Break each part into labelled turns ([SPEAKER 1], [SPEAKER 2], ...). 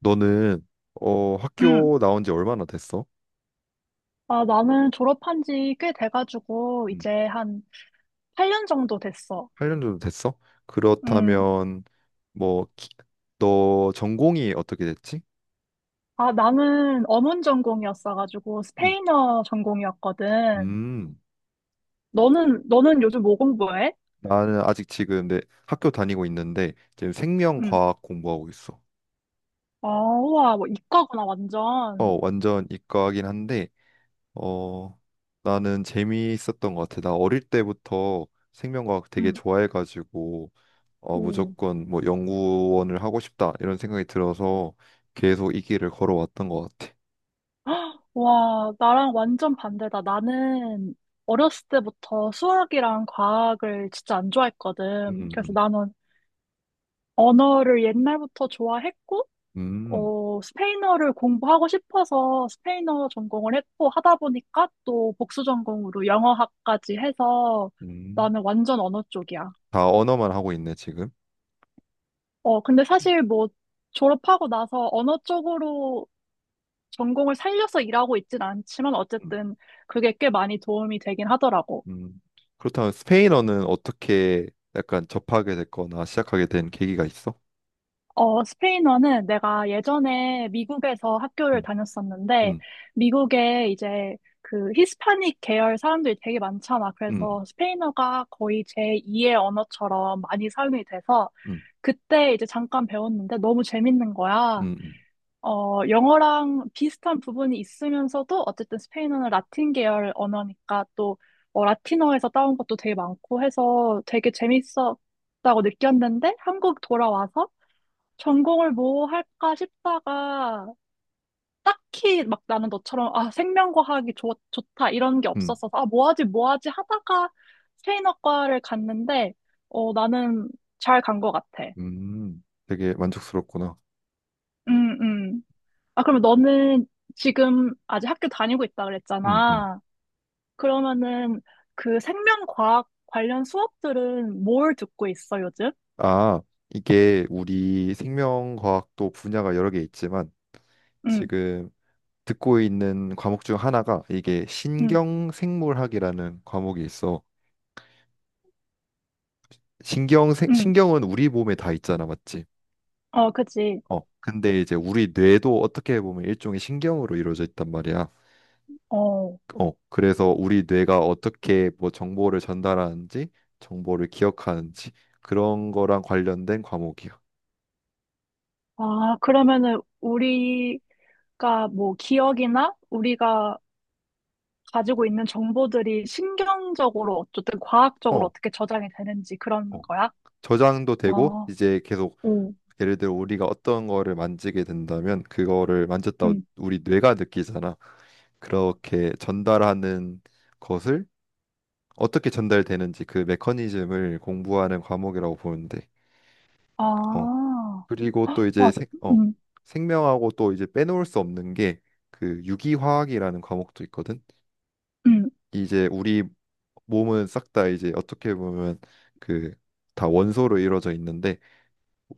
[SPEAKER 1] 너는
[SPEAKER 2] 음.
[SPEAKER 1] 학교 나온 지 얼마나 됐어?
[SPEAKER 2] 아, 나는 졸업한 지 꽤 돼가지고,
[SPEAKER 1] 음.
[SPEAKER 2] 이제 한 8년 정도 됐어.
[SPEAKER 1] 8년 정도 됐어?
[SPEAKER 2] 음.
[SPEAKER 1] 그렇다면 뭐 너 전공이 어떻게 됐지?
[SPEAKER 2] 아, 나는 어문 전공이었어가지고,
[SPEAKER 1] 음.
[SPEAKER 2] 스페인어 전공이었거든.
[SPEAKER 1] 음,
[SPEAKER 2] 너는 요즘 뭐 공부해?
[SPEAKER 1] 나는 아직 지금 내 학교 다니고 있는데 지금
[SPEAKER 2] 음.
[SPEAKER 1] 생명과학 공부하고 있어.
[SPEAKER 2] 아, 우와, 뭐 이과구나, 완전.
[SPEAKER 1] 어, 완전 이과긴 한데 어 나는 재미있었던 것 같아. 나 어릴 때부터 생명과학 되게
[SPEAKER 2] 음.
[SPEAKER 1] 좋아해가지고
[SPEAKER 2] 오.
[SPEAKER 1] 무조건 뭐 연구원을 하고 싶다 이런 생각이 들어서 계속 이 길을 걸어왔던 것 같아.
[SPEAKER 2] 헉, 와, 나랑 완전 반대다. 나는 어렸을 때부터 수학이랑 과학을 진짜 안 좋아했거든. 그래서
[SPEAKER 1] 음,
[SPEAKER 2] 나는 언어를 옛날부터 좋아했고,
[SPEAKER 1] 음,
[SPEAKER 2] 어, 스페인어를 공부하고 싶어서 스페인어 전공을 했고 하다 보니까 또 복수 전공으로 영어학까지 해서
[SPEAKER 1] 음.
[SPEAKER 2] 나는 완전 언어 쪽이야.
[SPEAKER 1] 다 언어만 하고 있네 지금.
[SPEAKER 2] 어, 근데 사실 뭐 졸업하고 나서 언어 쪽으로 전공을 살려서 일하고 있진 않지만
[SPEAKER 1] 음,
[SPEAKER 2] 어쨌든 그게 꽤 많이 도움이 되긴 하더라고.
[SPEAKER 1] 음. 그렇다면 스페인어는 어떻게 약간 접하게 됐거나 시작하게 된 계기가 있어?
[SPEAKER 2] 어, 스페인어는 내가 예전에 미국에서 학교를
[SPEAKER 1] 음,
[SPEAKER 2] 다녔었는데,
[SPEAKER 1] 음,
[SPEAKER 2] 미국에 이제 그 히스파닉 계열 사람들이 되게 많잖아.
[SPEAKER 1] 음,
[SPEAKER 2] 그래서 스페인어가 거의 제2의 언어처럼 많이 사용이 돼서,
[SPEAKER 1] 음,
[SPEAKER 2] 그때 이제 잠깐 배웠는데 너무 재밌는 거야.
[SPEAKER 1] 음,
[SPEAKER 2] 어, 영어랑 비슷한 부분이 있으면서도 어쨌든 스페인어는 라틴 계열 언어니까 또 어, 라틴어에서 따온 것도 되게 많고 해서 되게 재밌었다고 느꼈는데 한국 돌아와서 전공을 뭐 할까 싶다가 딱히 막 나는 너처럼 아 생명과학이 좋다 이런 게
[SPEAKER 1] 음,
[SPEAKER 2] 없었어서 아 뭐 하지 하다가 스페인어과를 갔는데 어 나는 잘 간 것 같아.
[SPEAKER 1] 되게 만족스럽구나.
[SPEAKER 2] 음, 음. 아 그러면 너는 지금 아직 학교 다니고 있다
[SPEAKER 1] 음, 음.
[SPEAKER 2] 그랬잖아. 그러면은 그 생명과학 관련 수업들은 뭘 듣고 있어 요즘?
[SPEAKER 1] 아, 이게 우리 생명과학도 분야가 여러 개 있지만
[SPEAKER 2] 응응응.
[SPEAKER 1] 지금 듣고 있는 과목 중 하나가 이게 신경생물학이라는 과목이 있어. 신경은 우리 몸에 다 있잖아, 맞지?
[SPEAKER 2] 어, 그치.
[SPEAKER 1] 어. 근데 이제 우리 뇌도 어떻게 보면 일종의 신경으로 이루어져 있단 말이야.
[SPEAKER 2] 어.
[SPEAKER 1] 어. 그래서 우리 뇌가 어떻게 뭐 정보를 전달하는지, 정보를 기억하는지 그런 거랑 관련된 과목이야.
[SPEAKER 2] 아, 그러면은 우리 그러니까 뭐 기억이나 우리가 가지고 있는 정보들이 신경적으로 어쨌든 과학적으로
[SPEAKER 1] 어.
[SPEAKER 2] 어떻게 저장이 되는지 그런
[SPEAKER 1] 어.
[SPEAKER 2] 거야?
[SPEAKER 1] 저장도 되고
[SPEAKER 2] 아,
[SPEAKER 1] 이제 계속
[SPEAKER 2] 응.
[SPEAKER 1] 예를 들어 우리가 어떤 거를 만지게 된다면 그거를 만졌다
[SPEAKER 2] 음,
[SPEAKER 1] 우리 뇌가 느끼잖아. 그렇게 전달하는 것을 어떻게 전달되는지 그 메커니즘을 공부하는 과목이라고 보는데 어
[SPEAKER 2] 아,
[SPEAKER 1] 그리고 또 이제
[SPEAKER 2] 와,
[SPEAKER 1] 생, 어
[SPEAKER 2] 음,
[SPEAKER 1] 생명하고 또 이제 빼놓을 수 없는 게 그 유기화학이라는 과목도 있거든.
[SPEAKER 2] 음,
[SPEAKER 1] 이제 우리 몸은 싹 다 이제 어떻게 보면 그 다 원소로 이루어져 있는데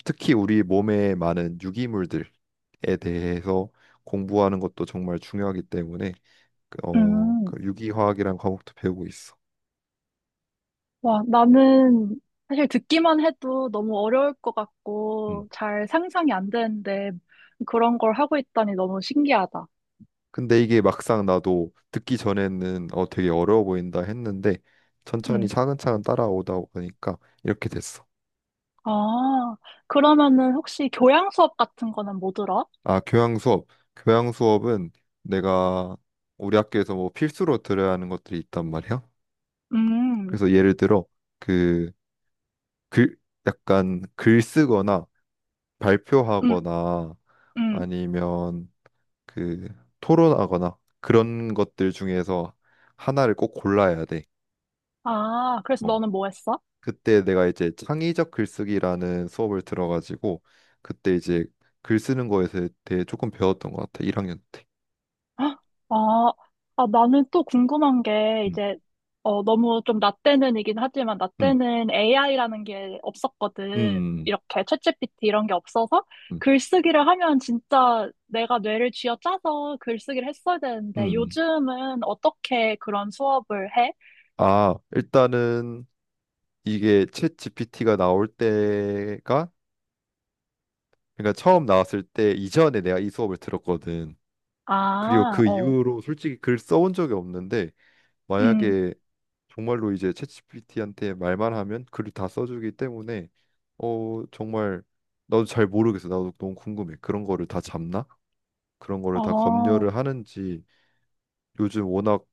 [SPEAKER 1] 특히 우리 몸에 많은 유기물들에 대해서 공부하는 것도 정말 중요하기 때문에 그, 어,
[SPEAKER 2] 음.
[SPEAKER 1] 그 유기화학이란 과목도 배우고 있어.
[SPEAKER 2] 와, 나는 사실 듣기만 해도 너무 어려울 것
[SPEAKER 1] 음.
[SPEAKER 2] 같고 잘 상상이 안 되는데 그런 걸 하고 있다니 너무 신기하다.
[SPEAKER 1] 근데 이게 막상 나도 듣기 전에는 되게 어려워 보인다 했는데 천천히
[SPEAKER 2] 음,
[SPEAKER 1] 차근차근 따라오다 보니까 이렇게 됐어.
[SPEAKER 2] 아, 그러면은 혹시 교양 수업 같은 거는 뭐 들어?
[SPEAKER 1] 아, 교양 수업. 교양 수업은 내가 우리 학교에서 뭐 필수로 들어야 하는 것들이 있단 말이야.
[SPEAKER 2] 음,
[SPEAKER 1] 그래서 예를 들어 그 글 약간 글 쓰거나
[SPEAKER 2] 음,
[SPEAKER 1] 발표하거나
[SPEAKER 2] 음.
[SPEAKER 1] 아니면 그 토론하거나 그런 것들 중에서 하나를 꼭 골라야 돼.
[SPEAKER 2] 아, 그래서
[SPEAKER 1] 뭐
[SPEAKER 2] 너는 뭐 했어?
[SPEAKER 1] 그때 내가 이제 창의적 글쓰기라는 수업을 들어가지고 그때 이제 글 쓰는 거에 대해 조금 배웠던 것 같아. 1학년 때.
[SPEAKER 2] 헉, 아, 아, 나는 또 궁금한 게,
[SPEAKER 1] 음,
[SPEAKER 2] 이제, 어, 너무 좀 나 때는이긴 하지만, 나
[SPEAKER 1] 음,
[SPEAKER 2] 때는 AI라는 게 없었거든.
[SPEAKER 1] 음,
[SPEAKER 2] 이렇게 챗 g 피티 이런 게 없어서,
[SPEAKER 1] 음,
[SPEAKER 2] 글쓰기를 하면 진짜 내가 뇌를 쥐어짜서 글쓰기를 했어야 되는데,
[SPEAKER 1] 음.
[SPEAKER 2] 요즘은 어떻게 그런 수업을 해?
[SPEAKER 1] 아, 일단은 이게 챗 GPT가 나올 때가 그러니까 처음 나왔을 때 이전에 내가 이 수업을 들었거든. 그리고
[SPEAKER 2] 아,
[SPEAKER 1] 그
[SPEAKER 2] 어,
[SPEAKER 1] 이후로 솔직히 글 써 온 적이 없는데
[SPEAKER 2] 음,
[SPEAKER 1] 만약에 정말로 이제 챗GPT한테 말만 하면 글을 다 써주기 때문에 정말 나도 잘 모르겠어. 나도 너무 궁금해. 그런 거를 다 잡나? 그런 거를 다
[SPEAKER 2] 어,
[SPEAKER 1] 검열을 하는지 요즘 워낙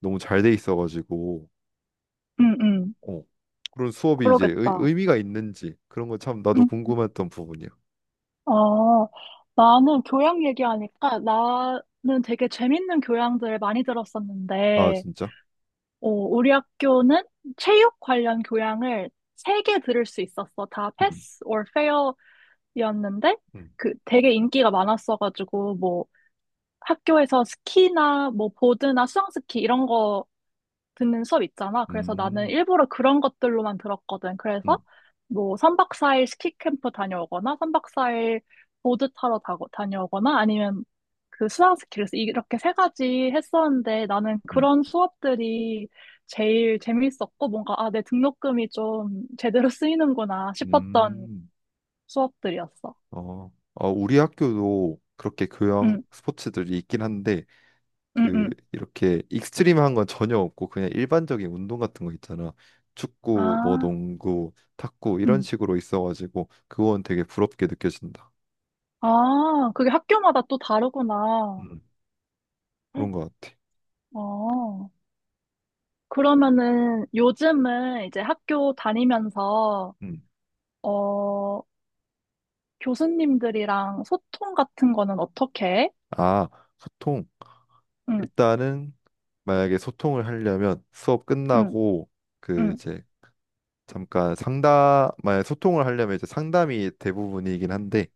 [SPEAKER 1] 너무 잘 돼 있어가지고
[SPEAKER 2] 음, 음,
[SPEAKER 1] 어 그런 수업이 이제 의,
[SPEAKER 2] 그러겠다.
[SPEAKER 1] 의미가 있는지 그런 거 참 나도
[SPEAKER 2] 음.
[SPEAKER 1] 궁금했던 부분이야.
[SPEAKER 2] 어, 나는 교양 얘기하니까 나는 되게 재밌는 교양들을 많이
[SPEAKER 1] 아
[SPEAKER 2] 들었었는데,
[SPEAKER 1] 진짜?
[SPEAKER 2] 어, 우리 학교는 체육 관련 교양을 3개 들을 수 있었어. 다
[SPEAKER 1] 음,
[SPEAKER 2] 패스 or 페어였는데,
[SPEAKER 1] 음,
[SPEAKER 2] 그 되게 인기가 많았어가지고, 뭐 학교에서 스키나 뭐 보드나 수상스키 이런 거 듣는 수업 있잖아. 그래서 나는
[SPEAKER 1] 음,
[SPEAKER 2] 일부러 그런 것들로만 들었거든. 그래서
[SPEAKER 1] 음,
[SPEAKER 2] 뭐 3박 4일 스키 캠프 다녀오거나 3박 4일 보드 타러 다녀오거나 아니면 그 수상 스키를 이렇게 3가지 했었는데 나는
[SPEAKER 1] 음,
[SPEAKER 2] 그런 수업들이 제일 재밌었고 뭔가 아, 내 등록금이 좀 제대로 쓰이는구나 싶었던
[SPEAKER 1] 음.
[SPEAKER 2] 수업들이었어.
[SPEAKER 1] 어, 아, 우리 학교도 그렇게 교양
[SPEAKER 2] 응,
[SPEAKER 1] 스포츠들이 있긴 한데
[SPEAKER 2] 응,
[SPEAKER 1] 그
[SPEAKER 2] 응.
[SPEAKER 1] 이렇게 익스트림한 건 전혀 없고 그냥 일반적인 운동 같은 거 있잖아. 축구, 뭐
[SPEAKER 2] 아,
[SPEAKER 1] 농구, 탁구 이런
[SPEAKER 2] 응.
[SPEAKER 1] 식으로 있어가지고 그건 되게 부럽게 느껴진다.
[SPEAKER 2] 아, 그게 학교마다 또 다르구나.
[SPEAKER 1] 음, 그런 것 같아.
[SPEAKER 2] 어. 그러면은 요즘은 이제 학교 다니면서,
[SPEAKER 1] 음.
[SPEAKER 2] 어, 교수님들이랑 소통 같은 거는 어떻게 해?
[SPEAKER 1] 아, 소통.
[SPEAKER 2] 응,
[SPEAKER 1] 일단은 만약에 소통을 하려면 수업
[SPEAKER 2] 응,
[SPEAKER 1] 끝나고 그
[SPEAKER 2] 응,
[SPEAKER 1] 이제 잠깐 상담, 만약 소통을 하려면 이제 상담이 대부분이긴 한데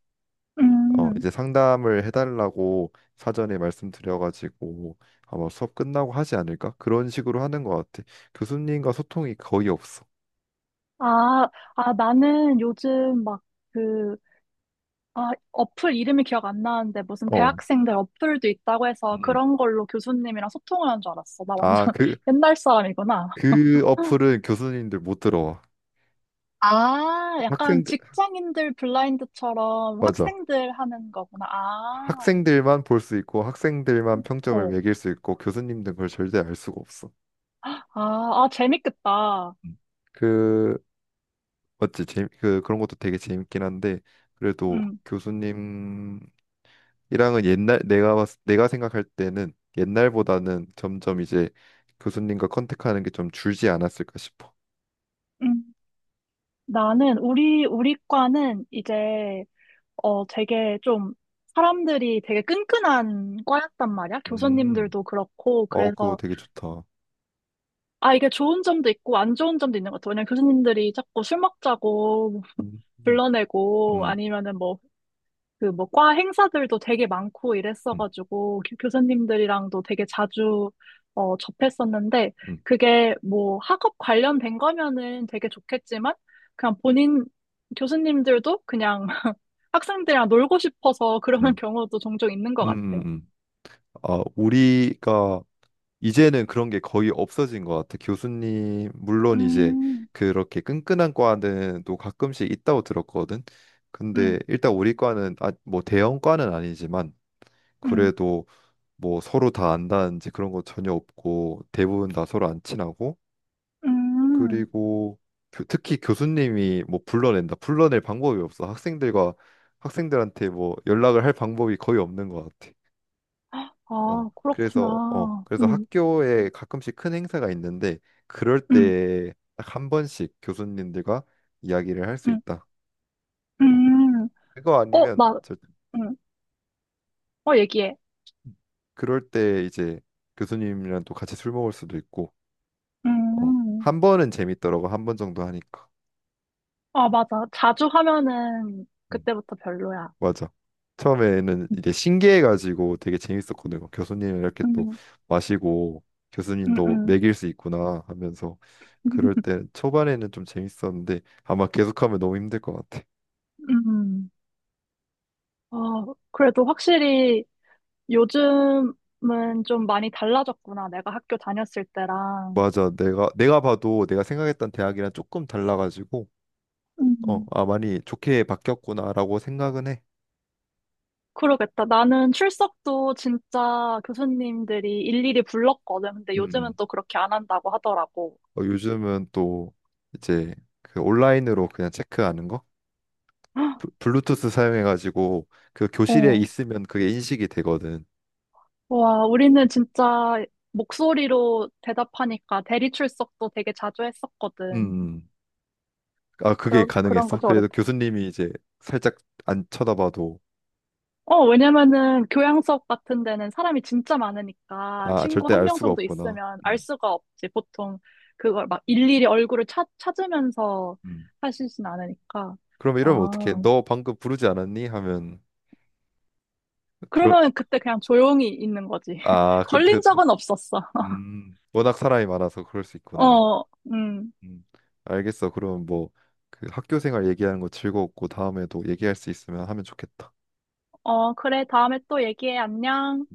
[SPEAKER 2] 응.
[SPEAKER 1] 이제 상담을 해달라고 사전에 말씀드려가지고 아마 수업 끝나고 하지 않을까? 그런 식으로 하는 것 같아. 교수님과 소통이 거의 없어.
[SPEAKER 2] 아, 아, 나는 요즘 막 그, 아, 어플 이름이 기억 안 나는데 무슨
[SPEAKER 1] 어.
[SPEAKER 2] 대학생들 어플도 있다고 해서
[SPEAKER 1] 음.
[SPEAKER 2] 그런 걸로 교수님이랑 소통을 한 줄 알았어. 나 완전
[SPEAKER 1] 아, 그,
[SPEAKER 2] 옛날 사람이구나.
[SPEAKER 1] 그 어플은 교수님들 못 들어와.
[SPEAKER 2] 아, 약간
[SPEAKER 1] 학생들,
[SPEAKER 2] 직장인들 블라인드처럼
[SPEAKER 1] 맞아.
[SPEAKER 2] 학생들 하는 거구나. 아,
[SPEAKER 1] 학생들만 볼 수 있고 학생들만 평점을
[SPEAKER 2] 어.
[SPEAKER 1] 매길 수 있고 교수님들은 그걸 절대 알 수가 없어.
[SPEAKER 2] 아, 아, 재밌겠다.
[SPEAKER 1] 음. 그, 맞지? 그런 것도 되게 재밌긴 한데 그래도
[SPEAKER 2] 음,
[SPEAKER 1] 교수님 이랑은 옛날 내가 생각할 때는 옛날보다는 점점 이제 교수님과 컨택하는 게 좀 줄지 않았을까 싶어.
[SPEAKER 2] 음. 나는 우리 과는 이제 어 되게 좀 사람들이 되게 끈끈한 과였단 말이야.
[SPEAKER 1] 음,
[SPEAKER 2] 교수님들도 그렇고
[SPEAKER 1] 어, 그거
[SPEAKER 2] 그래서
[SPEAKER 1] 되게 좋다.
[SPEAKER 2] 아 이게 좋은 점도 있고 안 좋은 점도 있는 것 같아. 왜냐면 교수님들이 자꾸 술 먹자고
[SPEAKER 1] 음, 음,
[SPEAKER 2] 불러내고
[SPEAKER 1] 음,
[SPEAKER 2] 아니면은 뭐 그 뭐 과 행사들도 되게 많고
[SPEAKER 1] 음,
[SPEAKER 2] 이랬어가지고 교수님들이랑도 되게 자주 어, 접했었는데
[SPEAKER 1] 음,
[SPEAKER 2] 그게 뭐 학업 관련된 거면은 되게 좋겠지만 그냥 본인 교수님들도 그냥 학생들이랑 놀고 싶어서 그러는
[SPEAKER 1] 음,
[SPEAKER 2] 경우도 종종 있는 것
[SPEAKER 1] 음,
[SPEAKER 2] 같아.
[SPEAKER 1] 음. 아, 우리가 이제는 그런 게 거의 없어진 것 같아. 교수님, 물론 이제
[SPEAKER 2] 음,
[SPEAKER 1] 그렇게 끈끈한 과는 또 가끔씩 있다고 들었거든.
[SPEAKER 2] 음,
[SPEAKER 1] 근데 일단 우리 과는 아, 뭐 대형 과는 아니지만
[SPEAKER 2] 음,
[SPEAKER 1] 그래도 뭐 서로 다 안다든지 그런 거 전혀 없고 대부분 다 서로 안 친하고
[SPEAKER 2] 음.
[SPEAKER 1] 그리고 특히 교수님이 뭐 불러낸다 불러낼 방법이 없어 학생들과 학생들한테 뭐 연락을 할 방법이 거의 없는 것 같아. 어
[SPEAKER 2] 아,
[SPEAKER 1] 그래서 어
[SPEAKER 2] 그렇구나.
[SPEAKER 1] 그래서 학교에 가끔씩 큰 행사가 있는데 그럴
[SPEAKER 2] 음,
[SPEAKER 1] 때 딱 한 번씩 교수님들과 이야기를 할 수
[SPEAKER 2] 음,
[SPEAKER 1] 있다. 어
[SPEAKER 2] 음.
[SPEAKER 1] 그거
[SPEAKER 2] 어,
[SPEAKER 1] 아니면
[SPEAKER 2] 나, 음, 어, 얘기해.
[SPEAKER 1] 그럴 때 이제 교수님이랑 또 같이 술 먹을 수도 있고 어,
[SPEAKER 2] 음.
[SPEAKER 1] 한 번은 재밌더라고. 한 번 정도 하니까.
[SPEAKER 2] 아, 맞아. 자주 하면은
[SPEAKER 1] 음,
[SPEAKER 2] 그때부터 별로야.
[SPEAKER 1] 맞아. 처음에는 이게 신기해가지고 되게 재밌었거든. 요 교수님 이렇게 또
[SPEAKER 2] 음,
[SPEAKER 1] 마시고
[SPEAKER 2] 음,
[SPEAKER 1] 교수님도
[SPEAKER 2] 음.
[SPEAKER 1] 먹일 수 있구나 하면서 그럴 때 초반에는 좀 재밌었는데 아마 계속하면 너무 힘들 것 같아.
[SPEAKER 2] 음. 어, 그래도 확실히 요즘은 좀 많이 달라졌구나. 내가 학교 다녔을 때랑.
[SPEAKER 1] 맞아. 내가 봐도 내가 생각했던 대학이랑 조금 달라가지고 어,
[SPEAKER 2] 음.
[SPEAKER 1] 아 많이 좋게 바뀌었구나라고 생각은 해.
[SPEAKER 2] 그러겠다. 나는 출석도 진짜 교수님들이 일일이 불렀거든. 근데
[SPEAKER 1] 음.
[SPEAKER 2] 요즘은
[SPEAKER 1] 음.
[SPEAKER 2] 또 그렇게 안 한다고 하더라고.
[SPEAKER 1] 어, 요즘은 또 이제 그 온라인으로 그냥 체크하는 거
[SPEAKER 2] 어,
[SPEAKER 1] 블루투스 사용해가지고 그 교실에 있으면 그게 인식이 되거든.
[SPEAKER 2] 와, 우리는 진짜 목소리로 대답하니까 대리 출석도 되게 자주
[SPEAKER 1] 음.
[SPEAKER 2] 했었거든.
[SPEAKER 1] 음. 아, 그게
[SPEAKER 2] 그런
[SPEAKER 1] 가능했어?
[SPEAKER 2] 거좀
[SPEAKER 1] 그래도 교수님이 이제 살짝 안 쳐다봐도
[SPEAKER 2] 어, 왜냐면은 교양석 같은 데는 사람이 진짜 많으니까
[SPEAKER 1] 아,
[SPEAKER 2] 친구
[SPEAKER 1] 절대
[SPEAKER 2] 한
[SPEAKER 1] 알
[SPEAKER 2] 명
[SPEAKER 1] 수가
[SPEAKER 2] 정도
[SPEAKER 1] 없구나.
[SPEAKER 2] 있으면 알
[SPEAKER 1] 음.
[SPEAKER 2] 수가 없지. 보통 그걸 막 일일이 얼굴을 찾으면서
[SPEAKER 1] 음,
[SPEAKER 2] 하시진 않으니까.
[SPEAKER 1] 그럼 이러면 어떡해?
[SPEAKER 2] 아,
[SPEAKER 1] 너 방금 부르지 않았니? 하면 그런
[SPEAKER 2] 그러면 그때 그냥 조용히 있는 거지.
[SPEAKER 1] 아, 그때
[SPEAKER 2] 걸린
[SPEAKER 1] 그때
[SPEAKER 2] 적은 없었어.
[SPEAKER 1] 워낙 사람이 많아서 그럴 수 있구나.
[SPEAKER 2] 어, 음.
[SPEAKER 1] 음. 알겠어. 그럼 뭐 그 학교 생활 얘기하는 거 즐거웠고 다음에도 얘기할 수 있으면 하면 좋겠다.
[SPEAKER 2] 어, 그래. 다음에 또 얘기해. 안녕.